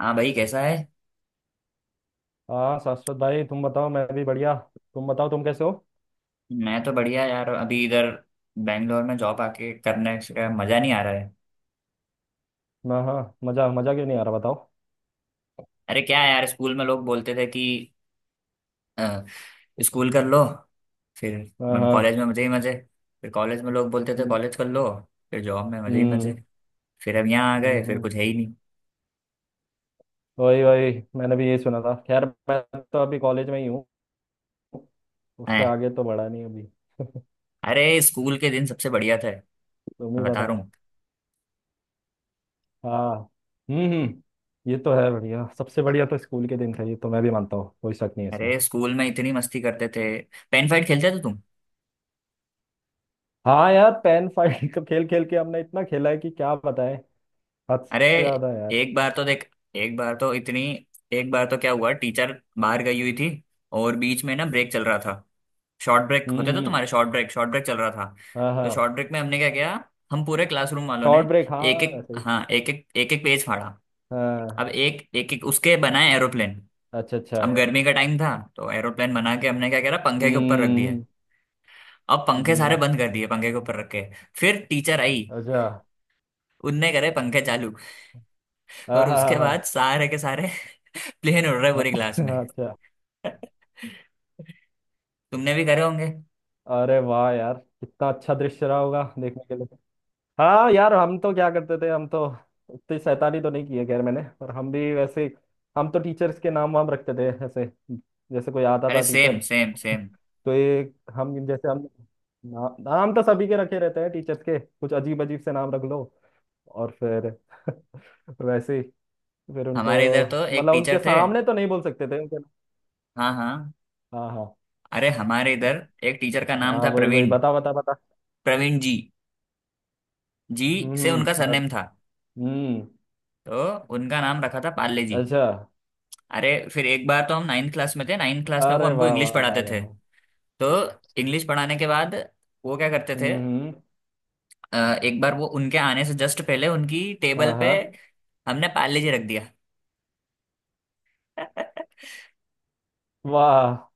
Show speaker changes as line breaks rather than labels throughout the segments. हाँ भाई, कैसा है?
हाँ शाश्वत भाई तुम बताओ मैं भी बढ़िया। तुम बताओ तुम कैसे हो।
मैं तो बढ़िया यार। अभी इधर बैंगलोर में जॉब आके करने का मजा नहीं आ रहा है।
हाँ हाँ, मजा मजा क्यों नहीं आ रहा बताओ।
अरे क्या है यार, स्कूल में लोग बोलते थे कि अ, स्कूल कर लो। फिर
हाँ
मैम
हाँ।
कॉलेज में मजे ही मजे। फिर कॉलेज में लोग बोलते थे
हम्म
कॉलेज कर लो। फिर जॉब में मजे ही मजे।
हम्म,
फिर अब यहाँ आ गए
हम्म,
फिर
हम्म।
कुछ है ही नहीं।
वही वही, मैंने भी यही सुना था। खैर मैं तो अभी कॉलेज में ही हूँ, उससे
हैं।
आगे तो बढ़ा नहीं अभी।
अरे स्कूल के दिन सबसे बढ़िया थे। मैं
तुम ही
बता रहा
बताओ।
हूँ।
हाँ। हम्म, ये तो है, बढ़िया। सबसे बढ़िया तो स्कूल के दिन थे, ये तो मैं भी मानता हूँ, कोई शक नहीं है इसमें।
अरे स्कूल में इतनी मस्ती करते थे। पेन फाइट खेलते थे तुम?
हाँ यार, पेन फाइट तो खेल खेल के हमने इतना खेला है कि क्या बताएं, हद से
अरे
ज्यादा यार।
एक बार तो देख एक बार तो इतनी एक बार तो क्या हुआ, टीचर बाहर गई हुई थी और बीच में ना ब्रेक चल रहा था। शॉर्ट ब्रेक होते थे
हम्म।
तुम्हारे? शॉर्ट ब्रेक, शॉर्ट ब्रेक चल रहा था।
हाँ
तो
हाँ।
शॉर्ट ब्रेक में हमने क्या किया, हम पूरे क्लासरूम वालों
शॉर्ट
ने
ब्रेक,
एक
हाँ
एक
सही।
हाँ एक एक एक एक पेज फाड़ा।
हाँ।
अब एक एक एक उसके बनाए एरोप्लेन।
अच्छा अच्छा।
अब गर्मी का टाइम था तो एरोप्लेन बना के हमने क्या करा, पंखे के ऊपर रख दिए।
हम्म
अब पंखे सारे
हम्म,
बंद कर दिए, पंखे के ऊपर रख के। फिर टीचर आई।
अच्छा।
उनने करे पंखे चालू और उसके
आहा।
बाद सारे के सारे प्लेन उड़ रहा है पूरी क्लास में।
अच्छा।
तुमने भी करे होंगे।
अरे वाह यार, कितना अच्छा दृश्य रहा होगा देखने के लिए। हाँ यार, हम तो क्या करते थे, हम तो इतनी शैतानी तो नहीं की है खैर मैंने, पर हम भी वैसे हम तो टीचर्स के नाम वाम रखते थे ऐसे। जैसे कोई आता
अरे
था
सेम
टीचर,
सेम सेम।
तो ये हम जैसे हम, ना, नाम तो सभी के रखे रहते हैं टीचर्स के, कुछ अजीब अजीब से नाम रख लो और फिर वैसे ही फिर उनको
हमारे इधर तो एक
मतलब उनके
टीचर थे।
सामने तो नहीं बोल सकते थे उनके।
हाँ हाँ।
हाँ हाँ।
अरे हमारे इधर एक टीचर का नाम
हाँ
था
वही वही,
प्रवीण।
बता बता बता।
प्रवीण जी। जी
हम्म
से उनका
हम्म बत-
सरनेम था।
हम्म।
तो उनका नाम रखा था पाले जी।
अच्छा।
अरे फिर एक बार तो हम नाइन्थ क्लास में थे। नाइन्थ क्लास में वो
अरे
हमको
वाह
इंग्लिश
वाह वाह
पढ़ाते थे।
वाह।
तो इंग्लिश पढ़ाने के बाद वो क्या करते थे,
हम्म।
एक बार वो उनके आने से जस्ट पहले उनकी टेबल
हाँ
पे
हाँ।
हमने पाले जी रख दिया।
वाह।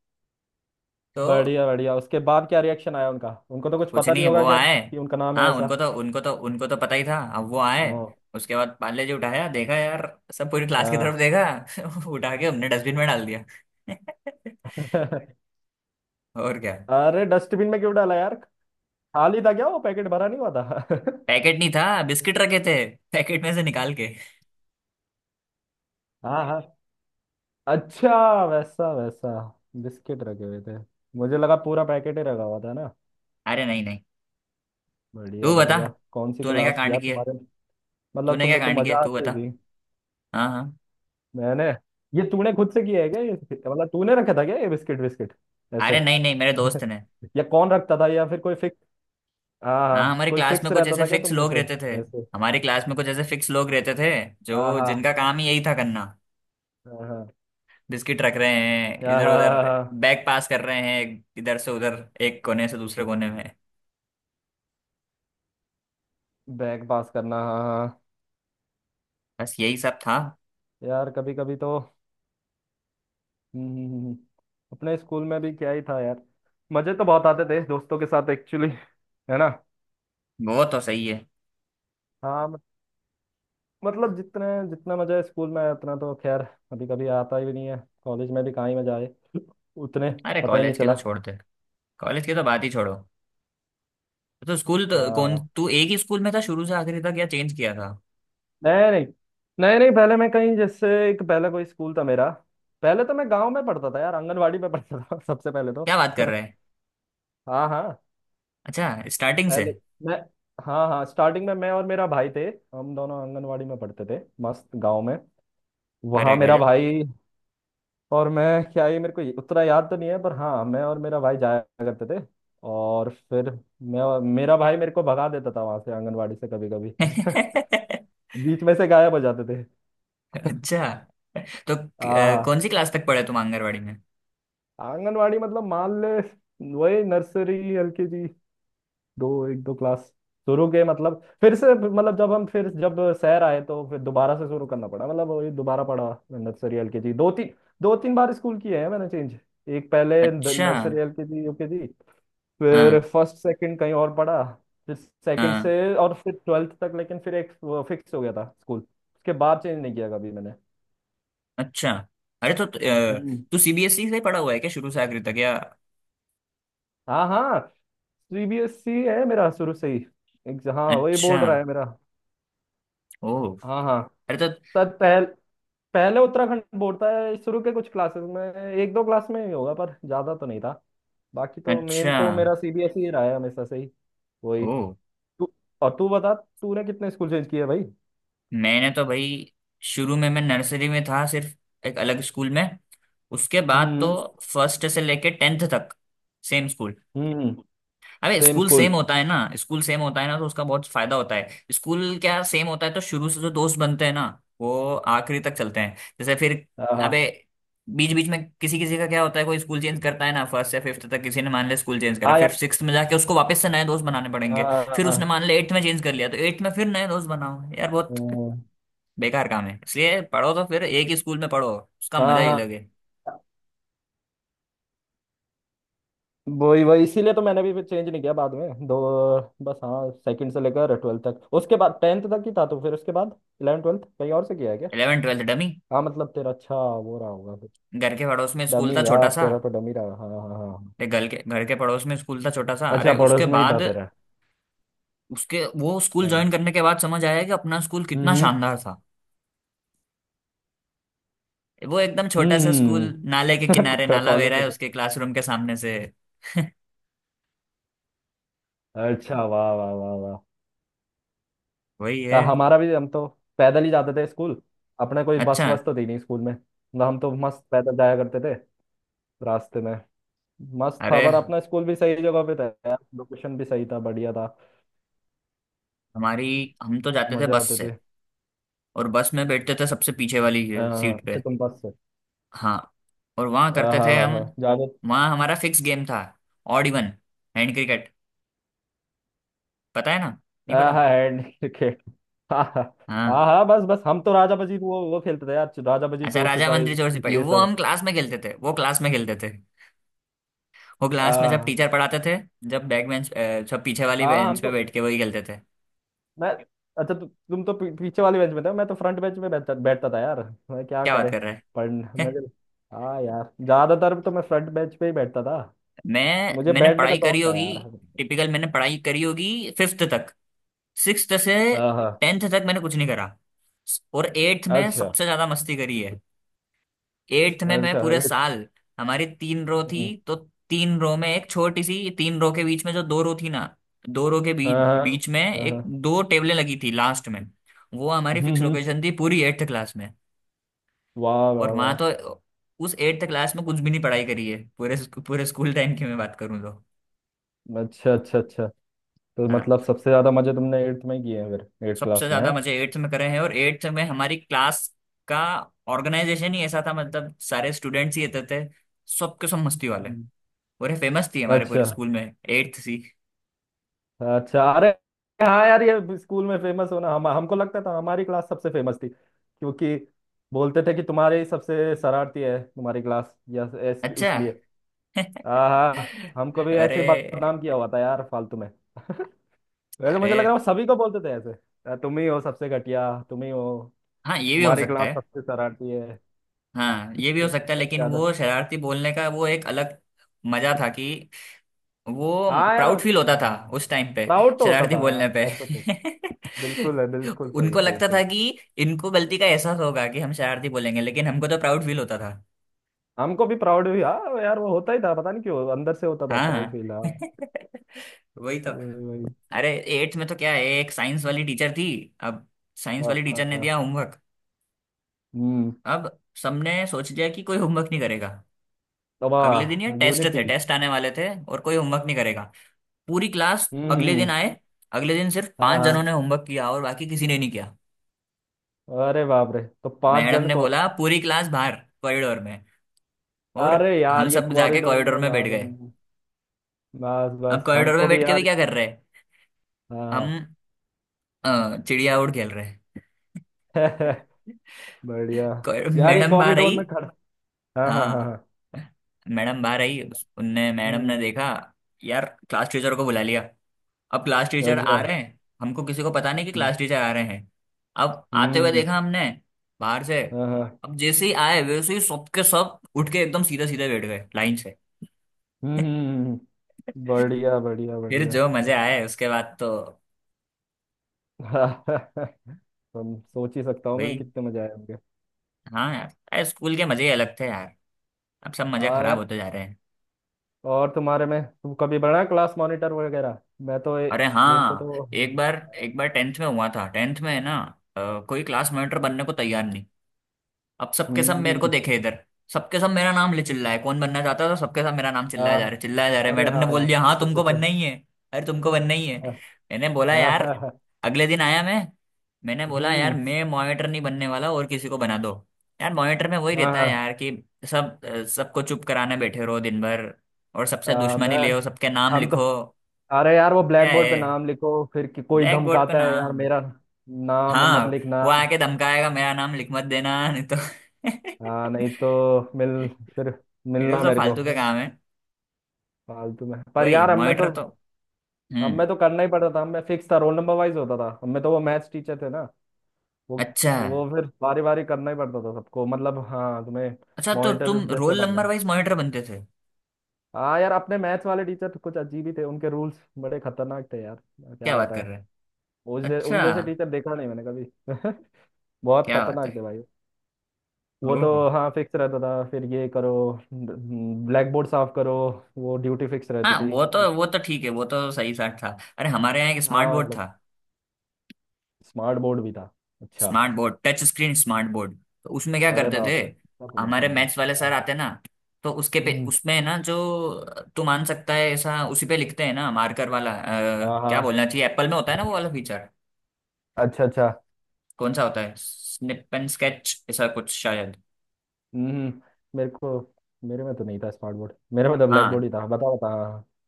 तो
बढ़िया बढ़िया, उसके बाद क्या रिएक्शन आया उनका? उनको तो कुछ
कुछ
पता नहीं
नहीं, वो
होगा खैर
आए।
कि उनका नाम है
हाँ उनको
ऐसा।
तो उनको तो उनको तो पता ही था। अब वो आए,
ओ।
उसके बाद पाले जी उठाया, देखा यार, सब पूरी क्लास की तरफ
हाँ।
देखा उठा के हमने डस्टबिन में डाल दिया। और क्या।
अरे डस्टबिन में क्यों डाला यार, खाली था क्या? वो पैकेट भरा नहीं हुआ था?
पैकेट नहीं था, बिस्किट रखे थे पैकेट में से निकाल के।
हाँ हाँ। अच्छा वैसा वैसा, बिस्किट रखे हुए थे। मुझे लगा पूरा पैकेट ही रखा हुआ था ना।
अरे नहीं नहीं।
बढ़िया
तू बता,
बढ़िया, कौन सी
तूने क्या
क्लास
कांड
यार
किया।
तुम्हारे? मतलब
तूने क्या
तुम्हें तो
कांड किया,
मजा
तू
आती
बता।
होगी।
हाँ हाँ।
मैंने, ये तूने खुद से किया है क्या ये, मतलब तूने रखा था क्या ये बिस्किट बिस्किट ऐसे?
अरे नहीं नहीं, मेरे दोस्त ने।
या कौन रखता था, या फिर कोई फिक्स? हाँ
हाँ,
हाँ,
हमारी
कोई
क्लास में
फिक्स
कुछ
रहता
ऐसे
था क्या
फिक्स
तुम में
लोग
से?
रहते थे।
ऐसे।
हमारी क्लास में कुछ ऐसे फिक्स लोग रहते थे,
हाँ
जो
हाँ
जिनका काम ही यही था करना।
हाँ हाँ।
बिस्किट रख रहे हैं
हाँ
इधर
हाँ,
उधर,
हाँ, हाँ, हाँ।
बैग पास कर रहे हैं इधर से उधर, एक कोने से दूसरे कोने में।
बैग पास करना, हाँ हाँ हाँ।
बस यही सब था।
यार कभी कभी तो हम्म, हम्म, हम्म। अपने स्कूल में भी क्या ही था यार, मजे तो बहुत आते थे दोस्तों के साथ एक्चुअली, है ना।
वो तो सही है।
हाँ। मतलब जितने जितना मजा है स्कूल में आया, उतना तो खैर कभी कभी आता ही नहीं है। कॉलेज में भी कहाँ ही मजा आए उतने,
अरे
पता ही नहीं
कॉलेज के
चला।
तो छोड़ते कॉलेज की तो बात ही छोड़ो। तो स्कूल तो,
हाँ
कौन,
हाँ।
तू एक ही स्कूल में था शुरू से आखिरी तक या चेंज किया था?
नहीं नहीं, नहीं नहीं, पहले मैं कहीं जैसे एक पहले कोई स्कूल था मेरा। पहले तो मैं गांव में पढ़ता था यार, आंगनवाड़ी में पढ़ता था सबसे पहले तो।
क्या बात कर रहे हैं।
हाँ हाँ।
अच्छा, स्टार्टिंग से।
पहले मैं, हाँ हाँ, स्टार्टिंग में मैं और मेरा भाई थे। हम दोनों आंगनवाड़ी में पढ़ते थे मस्त गांव में। वहाँ
अरे
मेरा
गजब।
भाई और मैं, क्या ये मेरे को उतना याद तो नहीं है, पर हाँ मैं और मेरा भाई जाया करते थे। और फिर मैं और मेरा भाई मेरे को भगा देता था वहां से, आंगनवाड़ी से कभी कभी बीच में से गायब हो जाते थे।
अच्छा, तो
हाँ हाँ।
कौन सी क्लास तक पढ़े तुम आंगनवाड़ी में?
आंगनवाड़ी मतलब मान ले वही नर्सरी एलकेजी, दो एक दो क्लास शुरू के। मतलब फिर से, मतलब जब हम फिर जब शहर आए तो फिर दोबारा से शुरू करना पड़ा, मतलब वही दोबारा पढ़ा नर्सरी एलकेजी दो तीन। दो तीन बार स्कूल किए हैं मैंने चेंज। एक पहले
अच्छा।
नर्सरी एलकेजी यूकेजी, फिर
हाँ
फर्स्ट सेकंड कहीं और पढ़ा। फिर सेकंड
हाँ।
से और फिर ट्वेल्थ तक, लेकिन फिर एक फिक्स हो गया था स्कूल, उसके बाद चेंज नहीं किया कभी मैंने।
अच्छा। अरे तो
हम्म।
तू सीबीएसई से पढ़ा हुआ है क्या शुरू से आखिरी तक या?
हाँ हाँ, सीबीएसई है मेरा शुरू से ही, एक हाँ वही
अच्छा।
बोर्ड रहा है मेरा।
ओ।
हाँ हाँ।
अरे तो,
सर पहले उत्तराखंड बोर्ड था शुरू के कुछ क्लासेस में, एक दो क्लास में ही होगा पर ज्यादा तो नहीं था। बाकी तो मेन
अच्छा।
तो मेरा सीबीएसई ही रहा है हमेशा से ही, वही।
ओ।
तू और तू बता, तूने कितने स्कूल चेंज किए भाई?
मैंने तो भाई शुरू में मैं नर्सरी में था सिर्फ, एक अलग स्कूल में। उसके बाद तो
हम्म।
फर्स्ट से लेके टेंथ तक सेम स्कूल।
हम्म।
अरे
सेम
स्कूल
स्कूल।
सेम होता है ना, स्कूल सेम होता है ना तो उसका बहुत फायदा होता है। स्कूल क्या सेम होता है तो शुरू से जो दोस्त बनते हैं ना, वो आखिरी तक चलते हैं। जैसे फिर,
हाँ
अबे, बीच बीच में किसी किसी का क्या होता है, कोई स्कूल चेंज करता है ना। फर्स्ट या फिफ्थ तक किसी ने मान लिया स्कूल चेंज करा,
हाँ
फिर
यार,
सिक्स्थ में जाके उसको वापस से नए दोस्त बनाने पड़ेंगे। फिर उसने
हाँ।
मान लिया एट्थ में चेंज कर लिया, तो एट्थ में फिर नए दोस्त बनाओ यार, बहुत
हम्म,
बेकार काम है। इसलिए पढ़ो तो फिर एक ही स्कूल में पढ़ो, उसका
हाँ
मजा ही
हाँ।
लगे।
वही वही, इसीलिए तो मैंने भी फिर चेंज नहीं किया बाद में दो। बस हाँ, सेकंड से लेकर ट्वेल्थ तक, उसके बाद टेंथ तक ही था तो फिर उसके बाद इलेवन ट्वेल्थ कहीं और से किया है क्या?
Eleven twelfth dummy.
हाँ मतलब तेरा, अच्छा वो रहा होगा फिर।
घर के पड़ोस में स्कूल
डमी
था छोटा
यार,
सा।
तेरा तो डमी रहा, हाँ हाँ हाँ हाँ।
ये घर के पड़ोस में स्कूल था छोटा सा।
अच्छा
अरे
पड़ोस
उसके
में ही था
बाद
तेरा।
उसके, वो स्कूल
हाँ।
ज्वाइन करने के बाद समझ आया कि अपना स्कूल कितना
हम्म।
शानदार था। वो एकदम छोटा सा स्कूल,
हम्म,
नाले के किनारे,
हम्म।
नाला बह
कॉलेज
रहा
में
है
तो
उसके क्लासरूम के सामने से।
अच्छा वाह वाह वाह वाह।
वही
अ,
है।
हमारा भी, हम तो पैदल ही जाते थे स्कूल, अपने कोई बस
अच्छा।
वस तो थी नहीं स्कूल में ना। हम तो मस्त पैदल जाया करते थे, रास्ते में मस्त था।
अरे,
पर अपना स्कूल भी सही जगह पे था यार, लोकेशन भी सही था, बढ़िया था।
हमारी हम तो जाते थे
मजा
बस
आते थे।
से। और बस में बैठते थे सबसे पीछे वाली
अ,
ये सीट पे।
अच्छा तुम बस से।
हाँ। और वहाँ
हाँ
करते थे
हाँ
हम,
हाँ जावेद।
वहाँ हमारा फिक्स गेम था, ऑड इवन, हैंड क्रिकेट, पता है ना? नहीं पता।
हाँ हाँ हैंड क्रिकेट। हाँ हाँ।
हाँ।
हाँ हाँ, बस बस, हम तो राजा बजी वो खेलते थे यार, राजा बजी
अच्छा,
चोर
राजा
सिपाही
मंत्री चोर सिपाही
ये
वो
सब।
हम क्लास में खेलते थे, वो क्लास में खेलते थे, वो क्लास में जब
हाँ
टीचर पढ़ाते थे, जब बैक बेंच, सब पीछे वाली
हाँ। हम
बेंच पे
तो
बैठ के वही खेलते थे।
मैं, अच्छा तुम तो पीछे वाले बेंच में थे, मैं तो फ्रंट बेंच में बैठता बैठता था यार। मैं क्या
क्या बात
करे
कर रहा
पढ़
है?
मैं तो, हाँ यार ज्यादातर तो मैं फ्रंट बेंच पे ही बैठता था।
मैं
मुझे
मैंने
बैठने का
पढ़ाई करी
शौक था
होगी
यार।
टिपिकल। मैंने पढ़ाई करी होगी फिफ्थ तक। सिक्स्थ से
हाँ हाँ,
टेंथ तक मैंने कुछ नहीं करा, और एट्थ में
अच्छा
सबसे ज्यादा मस्ती करी है। एट्थ में मैं
अच्छा
पूरे साल हमारी तीन रो थी।
हम्म,
तो तीन रो में, एक छोटी सी तीन रो के बीच में जो दो रो थी ना, दो रो के बीच
हाँ हाँ
बीच में
हाँ
एक
हाँ।
दो टेबलें लगी थी लास्ट में। वो हमारी फिक्स
हम्म हम्म,
लोकेशन थी पूरी एट्थ क्लास में।
वाह
और
वाह
वहां
वाह।
तो, उस एट्थ क्लास में कुछ भी नहीं पढ़ाई करी है, पूरे पूरे स्कूल टाइम की मैं बात करूँ तो।
अच्छा अच्छा अच्छा, तो मतलब
हाँ,
सबसे ज्यादा मजे तुमने एट्थ में किए हैं फिर, एट्थ
सबसे
क्लास में, है।
ज्यादा मजे एट्थ में करे हैं। और एट्थ में हमारी क्लास का ऑर्गेनाइजेशन ही ऐसा था, मतलब सारे स्टूडेंट्स ही रहते थे सबके सब मस्ती वाले।
हम्म।
और ये फेमस थी हमारे पूरे
अच्छा,
स्कूल में, एट्थ सी।
अच्छा, अरे हाँ यार, ये स्कूल में फेमस होना, हम हमको लगता था हमारी क्लास सबसे फेमस थी क्योंकि बोलते थे कि तुम्हारे ही सबसे शरारती है तुम्हारी क्लास या
अच्छा।
इसलिए। हाँ हाँ, हमको भी ऐसे ही
अरे।
बदनाम किया हुआ था यार फालतू में। वैसे मुझे लग
अरे
रहा है वो सभी को बोलते थे ऐसे, "अ, तुम ही हो सबसे घटिया, तुम ही हो,
हाँ, ये भी हो
तुम्हारी
सकता
क्लास
है।
सबसे शरारती है,
हाँ ये भी हो
सबसे,
सकता है,
सबसे
लेकिन
ज्यादा।"
वो शरारती बोलने का वो एक अलग मजा था कि वो
हाँ यार हाँ।
प्राउड फील होता था उस टाइम पे,
प्राउड तो होता
शरारती
था
बोलने पे।
हाँ, ऐसा तो बिल्कुल है, बिल्कुल सही
उनको
सही
लगता
सही।
था कि इनको गलती का एहसास होगा कि हम शरारती बोलेंगे, लेकिन हमको तो प्राउड फील होता था।
हमको भी प्राउड भी, हाँ यार वो होता ही था, पता नहीं क्यों अंदर से होता था प्राउड
हाँ।
फील, हाँ।
वही तो।
वही वही।
अरे एट्थ में तो क्या है, एक साइंस वाली टीचर थी। अब साइंस
हाँ
वाली टीचर ने
हाँ,
दिया होमवर्क।
हम्म।
अब सबने सोच लिया कि कोई होमवर्क नहीं करेगा।
तो
अगले दिन ये
वाह
टेस्ट
यूनिटी।
थे, टेस्ट आने वाले थे, और कोई होमवर्क नहीं करेगा। पूरी क्लास अगले
हम्म।
दिन आए। अगले दिन सिर्फ
हाँ
पांच जनों
हाँ।
ने होमवर्क किया और बाकी किसी ने नहीं किया।
अरे बाप रे, तो पांच
मैडम
जन
ने
को।
बोला पूरी क्लास बाहर, कॉरिडोर में। और
अरे
हम
यार ये
सब जाके
कॉरिडोर
कॉरिडोर
में
में बैठ
बाहर है
गए।
ना। बस
अब
बस
कॉरिडोर में
हमको भी
बैठ के भी
यार।
क्या कर रहे हैं हम,
हाँ।
चिड़िया उड़ खेल रहे हैं।
बढ़िया।
कोई-
यार ये
मैडम बाहर
कॉरिडोर
आई।
में खड़ा, हाँ हाँ हाँ
हाँ।
हाँ।
मैडम बाहर आई, उनने मैडम ने
हम्म।
देखा। यार, क्लास टीचर को बुला लिया। अब क्लास टीचर
अच्छा।
आ रहे हैं, हमको किसी को पता नहीं कि
हम्म
क्लास टीचर आ रहे हैं। अब आते हुए
हम्म,
देखा हमने बाहर से।
हाँ हाँ।
अब जैसे ही आए, वैसे ही सबके सब उठ के एकदम सीधे सीधे बैठ गए लाइन से।
हम्म हम्म, हम्म, हम्म। बढ़िया बढ़िया
फिर
बढ़िया
जो मजे आए उसके बाद तो।
ऐसे। हम सोच ही सकता हूँ मैं
वही।
कितने मजे आए होंगे।
हाँ यार, अरे स्कूल के मजे ही अलग थे यार। अब सब मजे
हाँ
खराब
यार,
होते जा रहे हैं।
और तुम्हारे में तुम कभी बना क्लास मॉनिटर वगैरह? मैं तो
अरे
मेरे को
हाँ,
तो
एक बार, एक बार टेंथ में हुआ था। टेंथ में है ना, कोई क्लास मॉनिटर बनने को तैयार नहीं। अब सबके सब मेरे को
हम्म।
देखे इधर। सबके सब मेरा नाम ले चिल्ला है, कौन बनना चाहता है, तो सबके सब मेरा नाम चिल्लाया
हाँ।
जा रहा है, चिल्लाया जा रहा है।
अरे
मैडम ने
हाँ यार,
बोल दिया, हाँ,
अच्छा अच्छा
तुमको
अच्छा।
बनना ही है। अरे तुमको बनना ही है,
हाँ
मैंने बोला
हाँ
यार।
हाँ हाँ,
अगले दिन आया मैं, मैंने बोला यार,
हम्म।
मैं मॉनिटर नहीं बनने वाला, और किसी को बना दो। यार मॉनिटर में वही
हाँ
रहता है
हाँ
यार कि सब सबको चुप कराने बैठे रहो दिन भर, और सबसे
हाँ,
दुश्मनी
मैं,
ले सबके नाम
हम तो
लिखो।
अरे यार वो
क्या
ब्लैक बोर्ड
है
पे नाम लिखो फिर कि कोई
ब्लैक बोर्ड पे
धमकाता है यार
नाम?
मेरा, नाम मत
हाँ,
लिखना।
वो आके धमकाएगा, मेरा नाम लिख मत देना नहीं तो।
हाँ नहीं तो मिल, फिर
फिर वो
मिलना
सब
मेरे को।
फालतू का काम है,
फालतू में, पर
वही
यार अब मैं
मॉनिटर
तो
तो।
हम
हम्म।
में तो करना ही पड़ता था, हम में फिक्स था, रोल नंबर वाइज होता था, हम में तो वो मैथ्स टीचर थे ना, वो
अच्छा,
वो फिर बारी बारी करना ही पड़ता था सबको, मतलब हाँ तुम्हें
अच्छा। तो
मॉनिटर
तुम
जैसे
रोल
बनना
नंबर
है।
वाइज मॉनिटर बनते थे?
हाँ यार, अपने मैथ्स वाले टीचर कुछ अजीब ही थे, उनके रूल्स बड़े खतरनाक थे यार,
क्या
क्या
बात कर
बताएं।
रहे हैं।
उस उन
अच्छा
जैसे टीचर देखा नहीं मैंने कभी। बहुत
क्या बात
खतरनाक
है।
थे भाई। वो
ओहो।
तो हाँ फिक्स रहता था फिर ये करो ब्लैक बोर्ड साफ करो, वो ड्यूटी फिक्स रहती
हाँ
थी।
वो तो ठीक है। वो तो सही साठ था। अरे हमारे यहाँ एक स्मार्ट
हाँ
बोर्ड था।
मतलब स्मार्ट बोर्ड भी था, अच्छा।
Smart board, touch screen smart board. तो उसमें क्या
अरे
करते थे,
बाप रे, ऐसा तो नहीं था
हमारे
मेरा।
मैथ्स वाले सर आते ना, तो उसके पे,
हम्म।
उसमें ना जो, तू मान सकता है ऐसा उसी पे लिखते हैं ना, मार्कर वाला,
हाँ
क्या
हाँ।
बोलना चाहिए, एप्पल में होता है ना वो वाला फीचर,
अच्छा अच्छा।
कौन सा होता है, स्निप एंड स्केच ऐसा कुछ शायद।
हम्म हम्म। मेरे को, मेरे में तो नहीं था स्मार्ट बोर्ड, मेरे में तो ब्लैक बोर्ड
हाँ,
ही था, बता बता।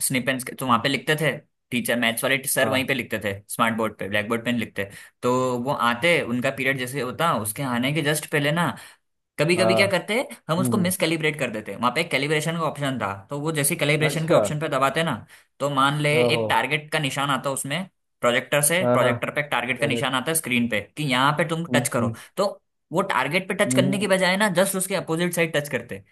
स्निप एंड स्केच तो वहां
हम्म,
पे लिखते थे। टीचर, मैथ्स वाले सर वहीं
हाँ।
पे लिखते थे, स्मार्ट बोर्ड पे, ब्लैक बोर्ड पे नहीं लिखते। तो वो आते, उनका पीरियड जैसे होता, उसके आने के जस्ट पहले ना, कभी कभी
हाँ,
क्या करते, हम उसको
हम्म
मिस कैलिब्रेट कर देते। वहां पे एक कैलिब्रेशन का ऑप्शन था, तो वो जैसे कैलिब्रेशन के
अच्छा।
ऑप्शन पे दबाते ना, तो मान ले
ओहो।
एक टारगेट का निशान आता उसमें, प्रोजेक्टर से,
हाँ हाँ,
प्रोजेक्टर पे एक टारगेट का निशान
प्रोजेक्ट,
आता है स्क्रीन पे कि यहाँ पे तुम टच करो,
हम्म।
तो वो टारगेट पे टच
हम्म,
करने की
हम्म।
बजाय ना जस्ट उसके अपोजिट साइड टच करते।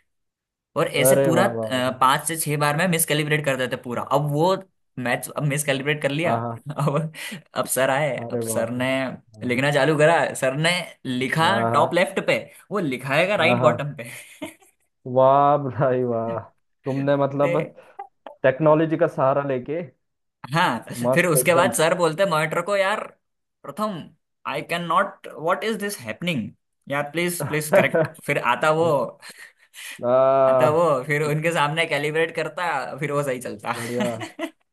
और ऐसे
अरे
पूरा
वाह वाह वाह।
पांच से छह बार में मिसकैलिब्रेट कर देते पूरा। अब वो मैच, अब मिसकैलिब्रेट कर लिया।
हाँ हाँ।
अब अब सर आए, अब
अरे
सर
बाप रे।
ने
हाँ
लिखना चालू करा, सर ने लिखा टॉप
हाँ
लेफ्ट पे, वो लिखाएगा
हाँ हाँ,
राइट
हाँ।
बॉटम पे।
वाह भाई वाह, तुमने मतलब
अरे,
टेक्नोलॉजी का सहारा लेके
हाँ। फिर
मस्त
उसके बाद
एकदम।
सर बोलते मॉनिटर को, यार Pratham, I can not, what is this happening, यार प्लीज प्लीज करेक्ट। फिर आता वो,
आ,
आता वो फिर उनके सामने कैलिब्रेट करता, फिर वो सही चलता।
बढ़िया।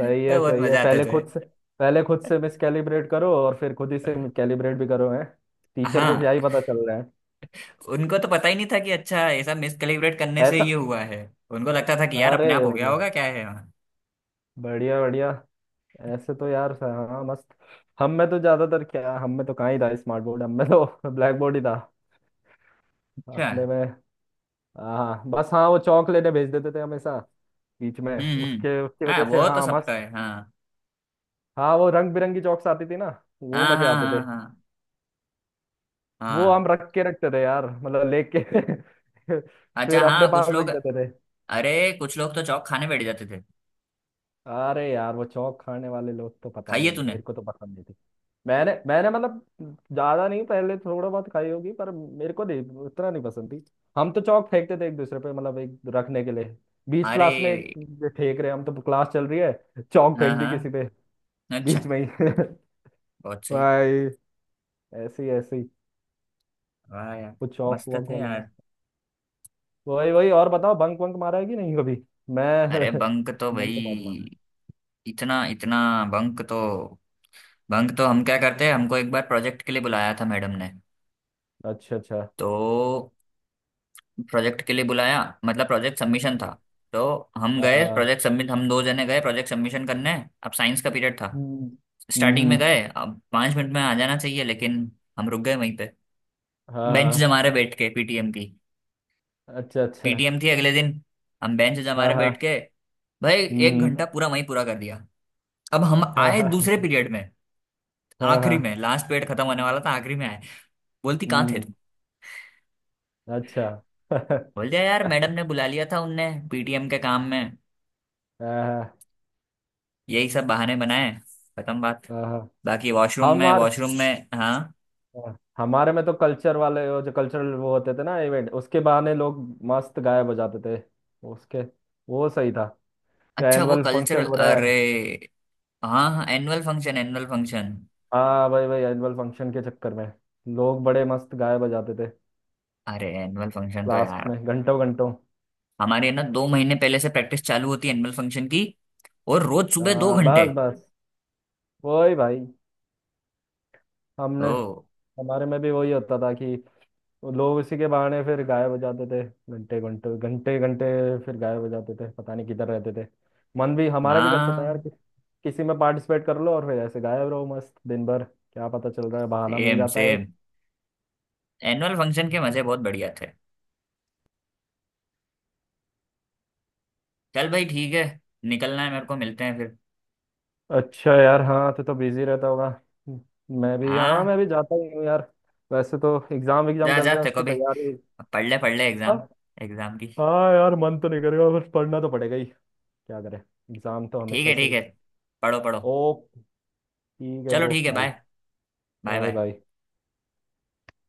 सही है
बहुत
सही है,
मजा आते
पहले
थे।
खुद से, पहले खुद से मिस कैलिब्रेट करो और फिर खुद ही से कैलिब्रेट भी करो, है, टीचर को क्या
हाँ,
ही पता चल रहा है।
उनको तो पता ही नहीं था कि अच्छा, ऐसा मिस कैलिब्रेट करने से
ऐसा।
ये हुआ है। उनको लगता था कि यार अपने आप
अरे
हो गया
मतलब,
होगा क्या है।
बढ़िया बढ़िया, ऐसे तो यार हाँ मस्त। हम में तो ज्यादातर क्या, हम में तो कहाँ ही था स्मार्ट बोर्ड, हम में तो ब्लैक बोर्ड ही था
अच्छा।
अपने में। हाँ बस हाँ, वो चौक लेने भेज देते थे हमेशा बीच में,
हम्म।
उसके उसकी
हाँ
वजह से
वो तो
हाँ
सबका
मस्त।
है, हाँ।
हाँ, वो रंग बिरंगी चौक्स आती थी ना, वो
हाँ
मजे
हाँ
आते
हाँ
थे।
हाँ
वो
हाँ
हम रख के रखते थे यार, मतलब लेके
अच्छा
फिर अपने
हाँ,
पास
कुछ
रख
लोग,
देते थे।
अरे कुछ लोग तो चौक खाने बैठ जाते थे।
अरे यार वो चौक खाने वाले लोग तो, पता
खाइए
नहीं,
तूने।
मेरे को तो पसंद नहीं थी। मैंने मैंने मतलब ज्यादा नहीं, पहले थोड़ा बहुत खाई होगी पर मेरे को नहीं उतना नहीं पसंद थी। हम तो चौक फेंकते थे एक दूसरे पे, मतलब एक रखने के लिए, बीच
अरे
क्लास में एक फेंक रहे हैं हम तो, क्लास चल रही है चौक
हाँ
फेंक दी किसी पे
हाँ।
बीच
अच्छा,
में ही।
बहुत सही।
भाई, ऐसे ही ऐसे ही,
वाह यार,
वो चौक
मस्त
वॉक
थे
वाला
यार।
मस्त। वही वही, और बताओ बंक वंक मारा है कि नहीं कभी? मैं
अरे बंक तो
मैंने
भाई
तो बहुत मारा
इतना इतना। बंक तो, बंक तो हम क्या करते हैं, हमको एक बार प्रोजेक्ट के लिए बुलाया था मैडम ने।
है। अच्छा अच्छा।
तो प्रोजेक्ट के लिए बुलाया, मतलब प्रोजेक्ट सबमिशन था।
हम्म।
तो हम गए
हाँ,
प्रोजेक्ट सबमिट, हम दो जने गए प्रोजेक्ट सबमिशन करने। अब साइंस का पीरियड था,
हम्म
स्टार्टिंग में
हम्म,
गए, अब 5 मिनट में आ जाना चाहिए, लेकिन हम रुक गए वहीं पे,
हाँ
बेंच
हाँ,
जमा रहे बैठ के। पीटीएम की,
अच्छा अच्छा।
पीटीएम थी अगले दिन, हम बेंच जमा
हाँ
रहे बैठ
हाँ।
के भाई। एक
हम्म
घंटा
हम्म।
पूरा वहीं पूरा कर दिया। अब हम
हाँ
आए दूसरे
हाँ
पीरियड में,
हाँ
आखिरी
हाँ,
में, लास्ट पीरियड खत्म होने वाला था, आखिरी में आए। बोलती कहाँ थे
हम्म
तुम।
अच्छा। हाँ
बोल दिया यार, मैडम ने बुला लिया था उनने पीटीएम के काम में,
हाँ
यही सब बहाने बनाए। खत्म बात।
हाँ, हाँ।
बाकी वॉशरूम में,
हमार
वॉशरूम में, हाँ।
हाँ, हमारे में तो कल्चर वाले वो जो कल्चरल वो होते थे ना इवेंट उसके बहाने लोग मस्त गायब हो जाते थे उसके, वो सही था।
अच्छा, वो
एनुअल फंक्शन
कल्चरल,
हो रहा
अरे।
है।
हाँ हाँ, एनुअल फंक्शन, एनुअल फंक्शन।
हाँ भाई भाई, एनुअल फंक्शन के चक्कर में लोग बड़े मस्त गाए बजाते थे
अरे एनुअल फंक्शन तो
लास्ट
यार,
में घंटों घंटों।
हमारे ना 2 महीने पहले से प्रैक्टिस चालू होती है एनुअल फंक्शन की, और रोज
आ,
सुबह 2 घंटे।
बस बस वही भाई, हमने
ओ,
हमारे में भी वही होता था कि लोग इसी के बहाने फिर गाए बजाते थे, घंटे घंटे घंटे घंटे फिर गाए बजाते थे, पता नहीं किधर रहते थे। मन भी हमारा भी करता था यार
हाँ
कि, किसी में पार्टिसिपेट कर लो और फिर ऐसे गायब रहो मस्त दिन भर, क्या पता चल रहा है, बहाना मिल
सेम
जाता है।
सेम। एनुअल फंक्शन के
एक।
मजे बहुत बढ़िया थे। चल भाई ठीक है, निकलना है मेरे को, मिलते हैं फिर।
अच्छा यार हाँ, तो बिजी रहता होगा। मैं भी हाँ,
हाँ,
मैं भी जाता ही हूँ यार। वैसे तो एग्जाम एग्जाम
जा
चल
जा,
रहे हैं,
तेरे को
उसकी
भी
तैयारी।
अब पढ़ ले, पढ़ ले एग्जाम,
हाँ
एग्जाम की।
हाँ यार, मन तो नहीं करेगा, बस पढ़ना तो पड़ेगा ही। क्या करें एग्जाम तो
ठीक
हमेशा
है
से
ठीक
ही।
है, पढ़ो पढ़ो।
ओ ठीक है
चलो
ब्रो,
ठीक है, bye.
Bye.
Bye
bye
bye.
Bye.